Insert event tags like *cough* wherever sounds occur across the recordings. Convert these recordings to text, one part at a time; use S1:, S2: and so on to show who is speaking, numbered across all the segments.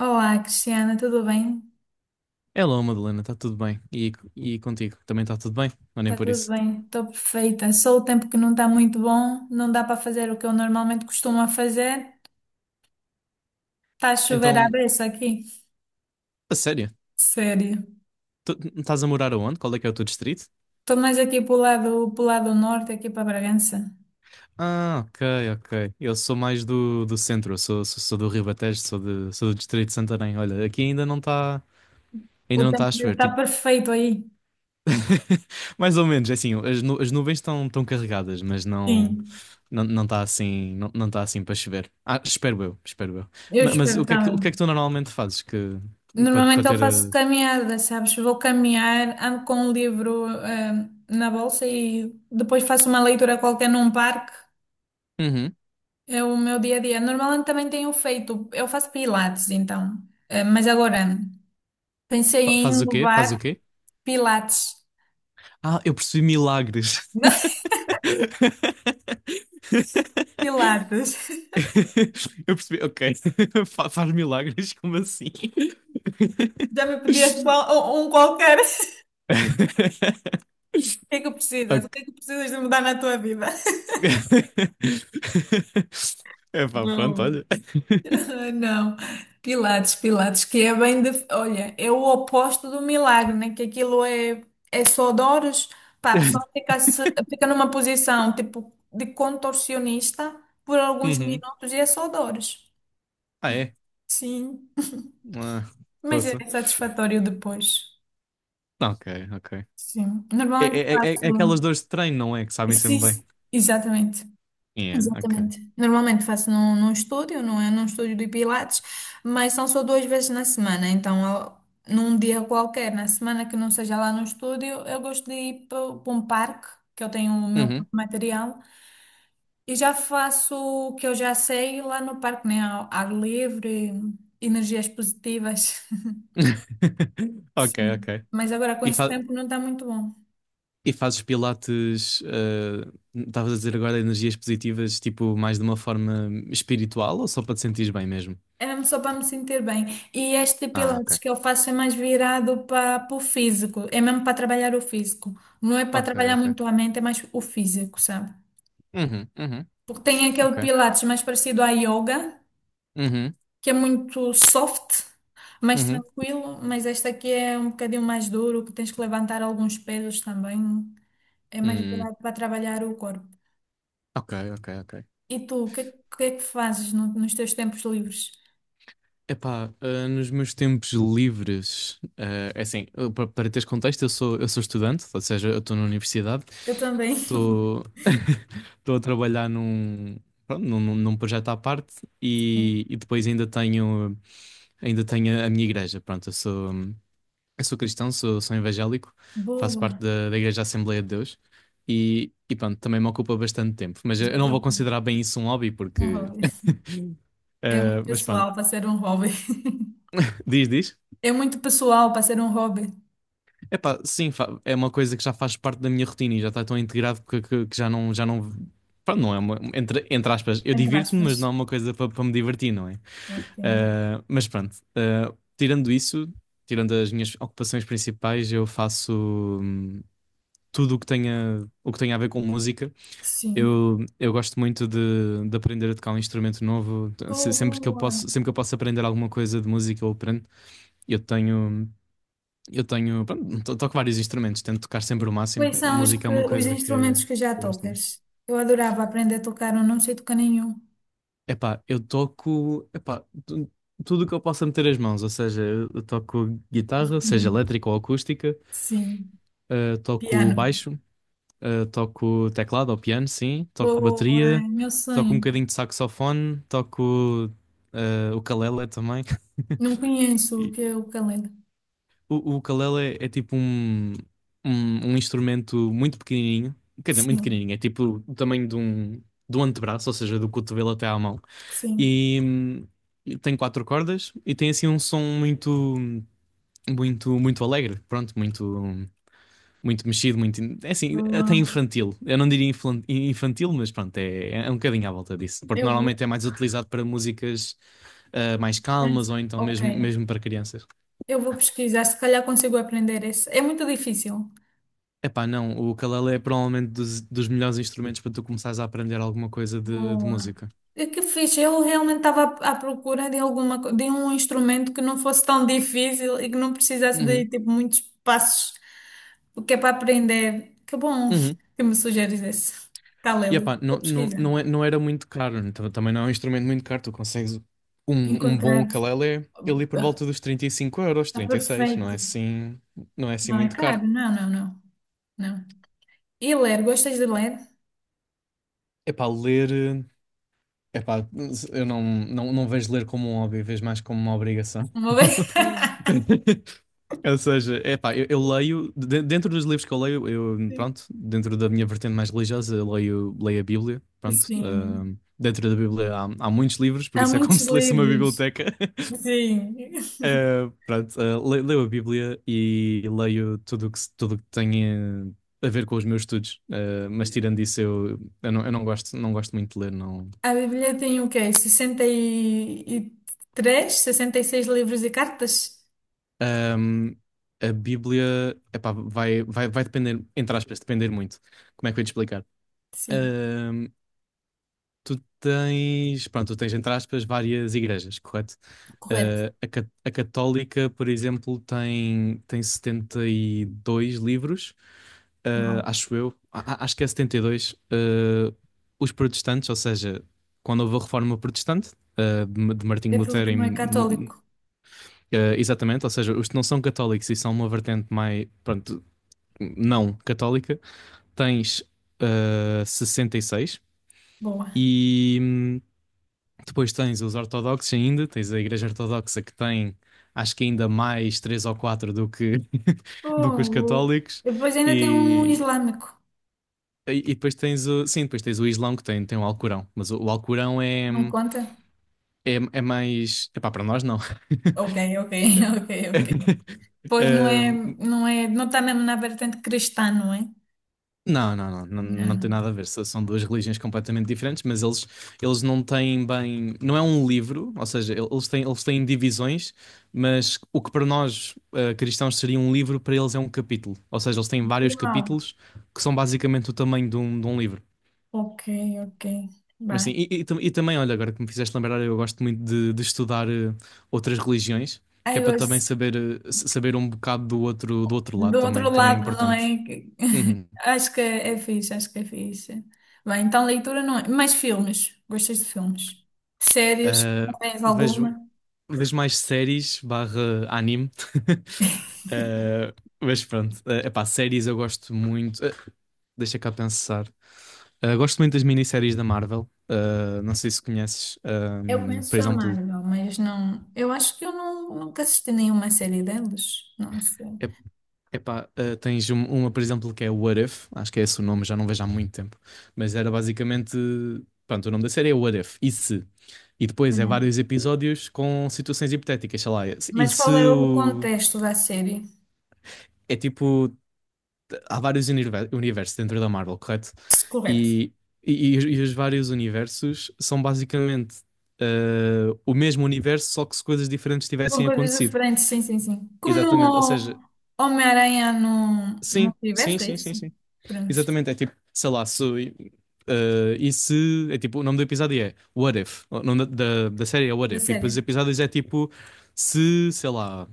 S1: Olá, Cristiana, tudo bem?
S2: Hello, Madalena, está tudo bem? E contigo? Também está tudo bem? Ou nem
S1: Está
S2: por
S1: tudo
S2: isso?
S1: bem, estou perfeita. Só o tempo que não está muito bom, não dá para fazer o que eu normalmente costumo a fazer. Está a chover à
S2: Então,
S1: beça aqui,
S2: a sério?
S1: sério.
S2: Tu estás a morar aonde? Qual é que é o teu distrito?
S1: Estou mais aqui para o lado, para lado norte, aqui para Bragança.
S2: Ah, ok, ok. Eu sou mais do centro, eu sou do Ribatejo, sou do distrito de Santarém. Olha, aqui ainda não está ainda
S1: O
S2: não está
S1: tempo
S2: a
S1: deve
S2: chover,
S1: estar
S2: tipo...
S1: perfeito aí.
S2: *laughs* Mais ou menos, é assim, as nuvens estão carregadas, mas não...
S1: Sim,
S2: Não, não está assim, não, não está assim para chover. Ah, espero eu, espero eu.
S1: eu
S2: Mas,
S1: espero
S2: o que é que, o
S1: também.
S2: que é que tu normalmente fazes que, para
S1: Normalmente eu
S2: ter...
S1: faço caminhada, sabes? Vou caminhar, ando com um livro, na bolsa e depois faço uma leitura qualquer num parque.
S2: Uhum.
S1: É o meu dia a dia, normalmente também tenho feito, eu faço pilates então, mas agora pensei em
S2: Fazes o quê? Fazes
S1: inovar
S2: o quê?
S1: pilates,
S2: Ah, eu percebi milagres.
S1: *laughs* não
S2: *laughs*
S1: pilates,
S2: Eu percebi, ok. *laughs* Faz milagres, como assim? *laughs*
S1: já me pedias um qualquer, o que é que precisas, o
S2: Ok.
S1: que é que precisas de mudar na tua vida?
S2: *laughs* É pá, pronto,
S1: Bom.
S2: olha. *laughs*
S1: Ah, não, Pilates, Pilates, que é bem de... Olha, é o oposto do milagre, né? Que aquilo é, é só dores. Pá, a pessoa fica, fica numa posição tipo de contorcionista por alguns
S2: Uhum.
S1: minutos e é só dores.
S2: Ah, é?
S1: Sim,
S2: Ah,
S1: mas é
S2: poça.
S1: satisfatório depois.
S2: Ok, ok.
S1: Sim,
S2: É,
S1: normalmente
S2: é, é, é aquelas
S1: faço.
S2: dores de treino, não é? Que sabem
S1: Sim,
S2: sempre bem.
S1: exatamente.
S2: Yeah, ok.
S1: Exatamente. Normalmente faço num estúdio, não é num estúdio de Pilates, mas são só duas vezes na semana. Então, num dia qualquer, na semana que não seja lá no estúdio, eu gosto de ir para um parque, que eu tenho o meu próprio
S2: Uhum.
S1: material, e já faço o que eu já sei lá no parque, né? Ao ar livre, energias positivas. *laughs*
S2: *laughs* Ok,
S1: Sim.
S2: ok.
S1: Mas agora com
S2: E,
S1: esse
S2: fa-
S1: tempo não está muito bom.
S2: e fazes pilates, estavas a dizer agora energias positivas, tipo, mais de uma forma espiritual ou só para te sentires bem mesmo?
S1: É mesmo só para me sentir bem. E este
S2: Ah,
S1: pilates
S2: ok.
S1: que eu faço é mais virado para o físico. É mesmo para trabalhar o físico. Não é para
S2: Ok,
S1: trabalhar
S2: ok.
S1: muito a mente, é mais o físico, sabe?
S2: Uhum, uhum,
S1: Porque tem aquele
S2: ok.
S1: pilates mais parecido à yoga,
S2: Uhum,
S1: que é muito soft, mais
S2: uhum.
S1: tranquilo, mas este aqui é um bocadinho mais duro, que tens que levantar alguns pesos também. É mais
S2: Hum,
S1: virado para trabalhar o corpo.
S2: ok, ok, ok.
S1: E tu, o que é que fazes nos teus tempos livres?
S2: Epá, nos meus tempos livres, é assim, eu, para teres contexto, eu sou estudante, ou seja, eu estou na universidade,
S1: Eu também.
S2: estou *laughs* estou a trabalhar num, pronto, num projeto à parte e
S1: *laughs*
S2: depois ainda tenho. Ainda tenho a minha igreja, pronto, eu sou cristão, sou evangélico, faço parte
S1: Boa.
S2: da Igreja Assembleia de Deus e pronto, também me ocupa bastante tempo. Mas eu
S1: Já
S2: não vou
S1: estou.
S2: considerar bem isso um hobby
S1: Um
S2: porque...
S1: hobby.
S2: *laughs*
S1: É muito
S2: Mas pronto,
S1: pessoal para ser um hobby. *laughs*
S2: diz, diz.
S1: É muito pessoal para ser um hobby.
S2: Epá, sim, é uma coisa que já faz parte da minha rotina e já está tão integrado que já não... Pronto, não é uma... Entre aspas, eu
S1: Entre
S2: divirto-me,
S1: aspas.
S2: mas não é uma coisa para me divertir, não é?
S1: Ok.
S2: Mas pronto, tirando isso... Tirando as minhas ocupações principais, eu faço. hum, Tudo o que tenha a ver com música.
S1: Sim.
S2: Eu gosto muito de aprender a tocar um instrumento novo.
S1: Oh,
S2: Sempre que eu
S1: boa.
S2: posso, sempre que eu posso aprender alguma coisa de música, eu aprendo. Eu tenho, eu tenho, pronto, toco vários instrumentos, tento tocar sempre o máximo.
S1: Quais são os,
S2: Música é
S1: que,
S2: uma
S1: os
S2: coisa que
S1: instrumentos que já
S2: eu gosto mais.
S1: tocas? Eu adorava aprender a tocar, eu não sei tocar nenhum.
S2: Epá, eu toco, tudo o que eu possa meter as mãos, ou seja, eu toco guitarra, seja
S1: *laughs*
S2: elétrica ou acústica,
S1: Sim.
S2: toco
S1: Piano.
S2: baixo. Toco teclado ou piano, sim. Toco bateria.
S1: Boa. Meu
S2: Toco um
S1: sonho.
S2: bocadinho de saxofone. Toco o ukulele também. *laughs*
S1: Não conheço o
S2: E
S1: que é o calenda.
S2: o ukulele é tipo um instrumento muito pequenininho. Quer dizer, muito
S1: Sim.
S2: pequenininho. É tipo o tamanho de do antebraço, ou seja, do cotovelo até à mão.
S1: Sim.
S2: E tem quatro cordas e tem assim um som muito, muito, muito alegre. Pronto, muito, muito mexido, muito... É assim, até
S1: Boa.
S2: infantil. Eu não diria infantil, mas pronto, é um bocadinho à volta disso. Porque
S1: Eu vou.
S2: normalmente é mais utilizado para músicas mais calmas
S1: Mas,
S2: ou então
S1: ok.
S2: mesmo, mesmo para crianças.
S1: Eu vou pesquisar, se calhar consigo aprender esse. É muito difícil.
S2: Epá, não, o ukulele é provavelmente dos melhores instrumentos para tu começares a aprender alguma coisa de
S1: Boa.
S2: música.
S1: E que fixe, eu realmente estava à procura de alguma, de um instrumento que não fosse tão difícil e que não precisasse
S2: Uhum,
S1: de tipo muitos passos, o que é para aprender. Que bom
S2: uhum.
S1: que me sugeres esse.
S2: E
S1: Calelo,
S2: epá,
S1: vou
S2: não, não,
S1: pesquisar.
S2: não, não era muito caro, então também não é um instrumento muito caro, tu consegues um bom
S1: Encontrar.
S2: ukulele ali por volta dos 35 euros,
S1: Está
S2: 36, não é
S1: perfeito.
S2: assim, não é assim
S1: Não é
S2: muito caro.
S1: caro? Não, não, não, não. E ler, gostas de ler?
S2: Epá, ler, Epá, eu não vejo ler como um hobby, vejo mais como uma obrigação.
S1: Uma vez?
S2: *laughs* Ou seja, epá, eu leio, dentro dos livros que eu leio, eu, pronto,
S1: *laughs*
S2: dentro da minha vertente mais religiosa, eu leio a Bíblia, pronto.
S1: Sim.
S2: Dentro da Bíblia há muitos livros, por
S1: Há
S2: isso é como *laughs*
S1: muitos
S2: se lesse uma
S1: livros.
S2: biblioteca. *laughs*
S1: Sim.
S2: Ah, pronto, leio a Bíblia e leio tudo o que, se- tudo o que tem a ver com os meus estudos. Ah, mas tirando isso, eu não gosto muito de ler, não.
S1: A Bíblia tem o quê? 63, 66 livros e cartas?
S2: Ahm, a Bíblia, epá, vai depender, entre aspas, depender muito. Como é que eu ia te explicar?
S1: Sim,
S2: Ahm, Tu tens, pronto, tu tens, entre aspas, várias igrejas, correto?
S1: correto.
S2: Ah, a católica, por exemplo, tem 72 livros, ah,
S1: Bom,
S2: acho eu. Acho que é 72. Ah, os protestantes, ou seja, quando houve a reforma protestante, de Martinho
S1: é tudo
S2: Lutero
S1: que não é
S2: em
S1: católico.
S2: exatamente, ou seja, os que não são católicos e são uma vertente mais, pronto, não católica, tens 66 e seis
S1: Boa.
S2: e depois tens os ortodoxos ainda, tens a Igreja Ortodoxa que tem acho que ainda mais três ou quatro do que, *laughs* do que os
S1: Bom,
S2: católicos
S1: e depois ainda tem um
S2: e,
S1: islâmico.
S2: e depois tens o, sim, depois tens o Islão que tem o Alcorão, mas o Alcorão é,
S1: Não conta?
S2: é, é mais, epá, para nós não.
S1: Ok, ok, *laughs* ok, ok.
S2: *laughs*
S1: Pois não é,
S2: Um,
S1: não é, não está mesmo na vertente cristã, não é?
S2: Não, não, não, não, não tem
S1: Não.
S2: nada a ver. São duas religiões completamente diferentes, mas eles não têm bem. Não é um livro, ou seja, eles têm divisões, mas o que para nós, cristãos seria um livro, para eles é um capítulo. Ou seja, eles têm vários
S1: Uau.
S2: capítulos que são basicamente o tamanho de um livro.
S1: Ok, ok.
S2: Mas sim,
S1: Bem.
S2: e também, olha, agora que me fizeste lembrar, eu gosto muito de estudar outras religiões, que é
S1: Aí
S2: para também
S1: hoje.
S2: saber, saber um bocado do outro lado
S1: Do
S2: também.
S1: outro
S2: Também é
S1: lado, não
S2: importante.
S1: é? *laughs*
S2: Uhum.
S1: Acho que é fixe, acho que é fixe. Bem, então leitura não é. Mais filmes. Gostas de filmes? Séries?
S2: Ah,
S1: Tens
S2: vejo.
S1: alguma?
S2: Vês mais séries barra anime. *laughs* Eh, mas pronto, é séries eu gosto muito. Deixa cá pensar. Gosto muito das minisséries da Marvel. Não sei se conheces.
S1: Eu
S2: Por
S1: conheço a
S2: exemplo,
S1: Marvel, mas não. Eu acho que eu não, nunca assisti nenhuma série delas. Não sei.
S2: é, tens uma, por exemplo, que é What If. Acho que é esse o nome, já não vejo há muito tempo. Mas era basicamente. Pronto, o nome da série é What If. E se? E depois é
S1: Hum.
S2: vários episódios com situações hipotéticas, sei lá. E
S1: Mas
S2: se
S1: qual é o
S2: o.
S1: contexto da série?
S2: É tipo. Há vários universos dentro da Marvel, correto?
S1: Se correto.
S2: E, e os vários universos são basicamente o mesmo universo, só que se coisas diferentes
S1: Com
S2: tivessem
S1: coisas
S2: acontecido.
S1: diferentes, sim, sim, sim. Como
S2: Exatamente, ou
S1: no
S2: seja,
S1: Homem-Aranha no
S2: sim, sim,
S1: multiverso, é
S2: sim, sim,
S1: isso?
S2: sim.
S1: Pronto.
S2: Exatamente, é tipo, sei lá, se, eh, e se, é tipo, o nome do episódio é What If, o nome da série é What
S1: Da
S2: If, e depois os
S1: série.
S2: episódios é tipo, se, sei lá.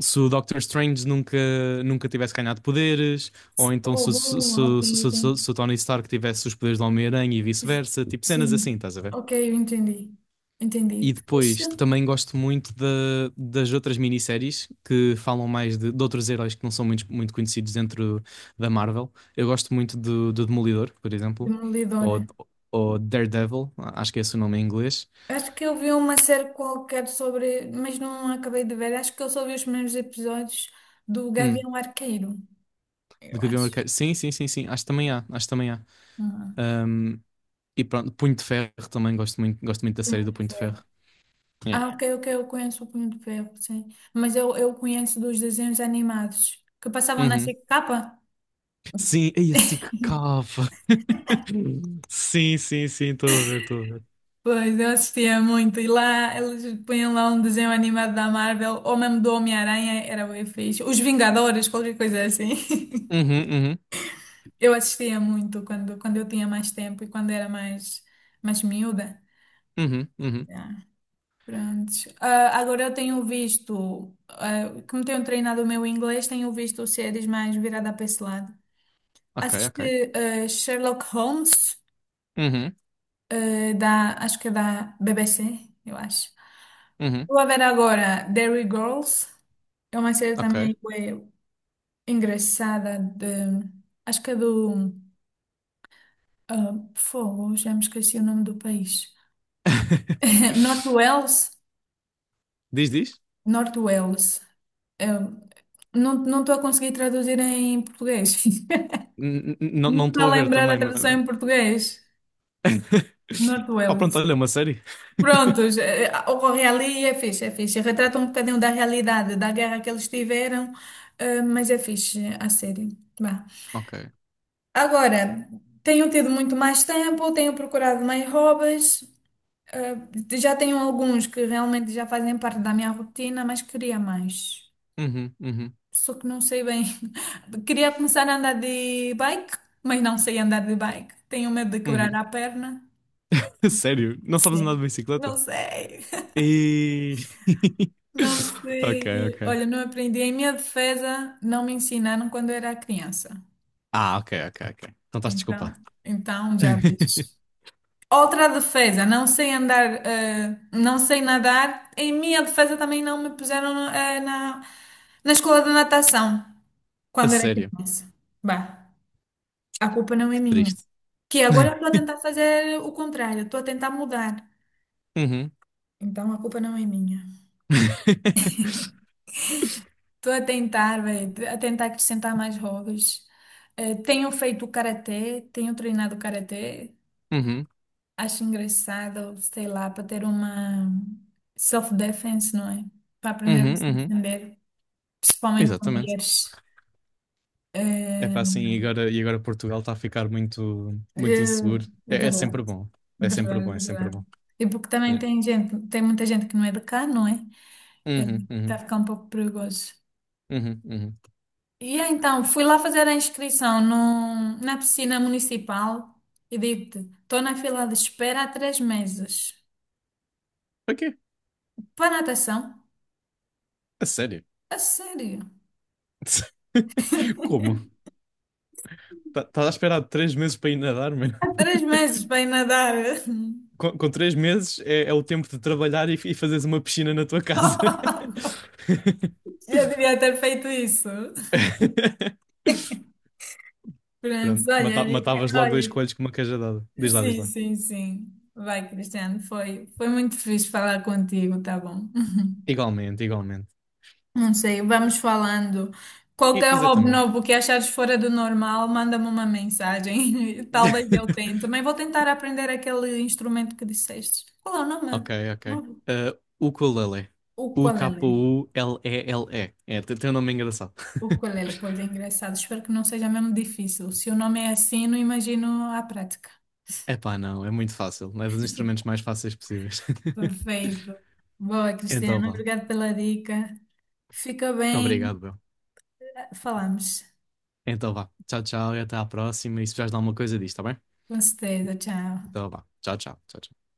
S2: Se o Doctor Strange nunca tivesse ganhado poderes, ou então
S1: Oh,
S2: se, se, se,
S1: boa, ok,
S2: se,
S1: ok.
S2: se- se o Tony Stark tivesse os poderes do Homem-Aranha e vice-versa, tipo cenas assim,
S1: Sim.
S2: estás a ver?
S1: Ok, eu entendi.
S2: E
S1: Entendi. Fixe.
S2: depois também gosto muito das outras minisséries que falam mais de outros heróis que não são muito, muito conhecidos dentro da Marvel. Eu gosto muito do Demolidor, por exemplo,
S1: Demolidor.
S2: ou, ou Daredevil, acho que é esse o nome em inglês.
S1: Acho que eu vi uma série qualquer sobre, mas não acabei de ver. Acho que eu só vi os primeiros episódios do
S2: Hum,
S1: Gavião Arqueiro,
S2: do
S1: eu
S2: Gavião
S1: acho.
S2: Arqueiro. Sim, sim, sim, sim, acho que também há.
S1: Ah,
S2: E pronto, Punho de Ferro também gosto muito da série
S1: Punho
S2: do
S1: de
S2: Punho de
S1: Ferro.
S2: Ferro. Yeah.
S1: Ah, ok, ok, eu conheço o Punho de Ferro, sim. Mas eu conheço dos desenhos animados que passavam na
S2: Uhum.
S1: SIC-Capa.
S2: Sim, aí assim que cava. *laughs* Sim, sim, sim, estou a ver, estou a ver.
S1: Pois, eu assistia muito e lá eles punham lá um desenho animado da Marvel ou mesmo do Homem-Aranha, era bem fixe. Os Vingadores, qualquer coisa assim. *laughs*
S2: Uhum, uhum,
S1: Eu assistia muito quando eu tinha mais tempo e quando era mais miúda.
S2: uhum, uhum.
S1: Yeah. Prontos. Ah, agora eu tenho visto, ah, como tenho treinado o meu inglês, tenho visto séries mais virada para esse lado.
S2: Ok, ok.
S1: Assisti, ah, Sherlock Holmes,
S2: Uhum,
S1: ah, da, acho que é da BBC, eu acho.
S2: uhum,
S1: Vou ver agora Derry Girls. É uma série
S2: ok.
S1: também ué, engraçada de... Acho que é do... ah, fogo, já me esqueci o nome do país.
S2: *laughs*
S1: *laughs* North Wales?
S2: Diz, diz?
S1: North Wales. Eu não estou a conseguir traduzir em português. *laughs*
S2: Não
S1: Não
S2: não
S1: estou
S2: estou
S1: a
S2: a ver
S1: lembrar da
S2: também,
S1: tradução em português.
S2: *laughs*
S1: North
S2: Oh, pronto,
S1: Wales.
S2: olha, é uma série. *laughs*
S1: Prontos, ocorre ali e é fixe, é fixe. Retrata um bocadinho da realidade, da guerra que eles tiveram, mas é fixe a série. Vá.
S2: Ok.
S1: Agora, tenho tido muito mais tempo, tenho procurado mais hobbies, eh, já tenho alguns que realmente já fazem parte da minha rotina, mas queria mais.
S2: Uhum, uhum,
S1: Só que não sei bem. *laughs* Queria começar a andar de bike, mas não sei andar de bike. Tenho medo de quebrar
S2: uhum.
S1: a perna.
S2: *laughs* Sério? Não sabes andar de
S1: Sim.
S2: bicicleta?
S1: Não sei. *laughs*
S2: E...
S1: Não
S2: *laughs* Ok,
S1: sei.
S2: ok.
S1: Olha, não aprendi. Em minha defesa, não me ensinaram quando eu era criança.
S2: Ah, ok, ok, ok. Então estás desculpado.
S1: Então, então já vejo.
S2: *laughs*
S1: Outra defesa, não sei andar, não sei nadar. Em minha defesa também não me puseram na escola de natação
S2: A
S1: quando era
S2: sério,
S1: criança. Bah, a culpa não é
S2: que
S1: minha.
S2: triste.
S1: Que agora eu estou a
S2: *laughs*
S1: tentar fazer o contrário, estou a tentar mudar.
S2: Uhum.
S1: Então a culpa não é minha.
S2: *laughs*
S1: Estou a tentar, véi, a tentar acrescentar mais hobbies. Tenho feito karatê, tenho treinado karatê.
S2: Uhum,
S1: Acho engraçado, sei lá, para ter uma self-defense, não é? Para aprender a
S2: uhum,
S1: se
S2: uhum.
S1: defender, principalmente com
S2: Exatamente.
S1: mulheres.
S2: É
S1: É,
S2: para assim, e agora Portugal está a ficar muito,
S1: é,
S2: muito inseguro.
S1: é
S2: É sempre
S1: verdade,
S2: bom. É sempre
S1: verdade,
S2: bom, é sempre bom.
S1: verdade. E porque também
S2: É.
S1: tem gente, tem muita gente que não é de cá, não é? É,
S2: Uhum,
S1: Está a
S2: uhum,
S1: ficar um pouco perigoso.
S2: uhum, uhum.
S1: E então, fui lá fazer a inscrição no, na piscina municipal e digo-te, estou na fila de espera há 3 meses.
S2: Para quê?
S1: Para a natação?
S2: A sério?
S1: A sério?
S2: *laughs* Como? Tá, estás a esperar 3 meses para ir nadar, mano?
S1: Há 3 meses para ir nadar.
S2: Com 3 meses é o tempo de trabalhar e fazeres uma piscina na tua casa.
S1: *laughs*
S2: *laughs*
S1: Já devia ter feito isso.
S2: *laughs*
S1: Pronto,
S2: Pronto,
S1: olha, Rica,
S2: matavas logo dois
S1: olha,
S2: coelhos com uma cajadada. Diz lá, diz
S1: sim,
S2: lá.
S1: sim, sim. Vai, Cristiano, foi muito fixe falar contigo, tá bom?
S2: Igualmente, igualmente.
S1: Não sei, vamos falando. Qualquer hobby
S2: Exatamente.
S1: novo que achares fora do normal, manda-me uma mensagem. *laughs* Talvez eu tente.
S2: *laughs*
S1: Também vou tentar aprender aquele instrumento que disseste. Qual é o nome?
S2: Ok, ok.
S1: Não-
S2: O ukulele.
S1: O qual é? Né?
S2: Ukulele. É, tem um nome engraçado. *laughs*
S1: Ukulele, pois é engraçado. Espero que não seja mesmo difícil. Se o nome é assim, não imagino a prática. *laughs*
S2: Epá, não, é muito fácil. É dos instrumentos mais fáceis possíveis. *laughs*
S1: Perfeito. Boa,
S2: Então
S1: Cristiano.
S2: vá.
S1: Obrigada pela dica. Fica bem.
S2: Obrigado, Bel.
S1: Falamos.
S2: Então vá. Tchau, tchau e até à próxima. E se precisares de alguma coisa disto, tá bem?
S1: Com certeza.
S2: Então
S1: Tchau.
S2: vá. Tchau, tchau. Tchau, tchau.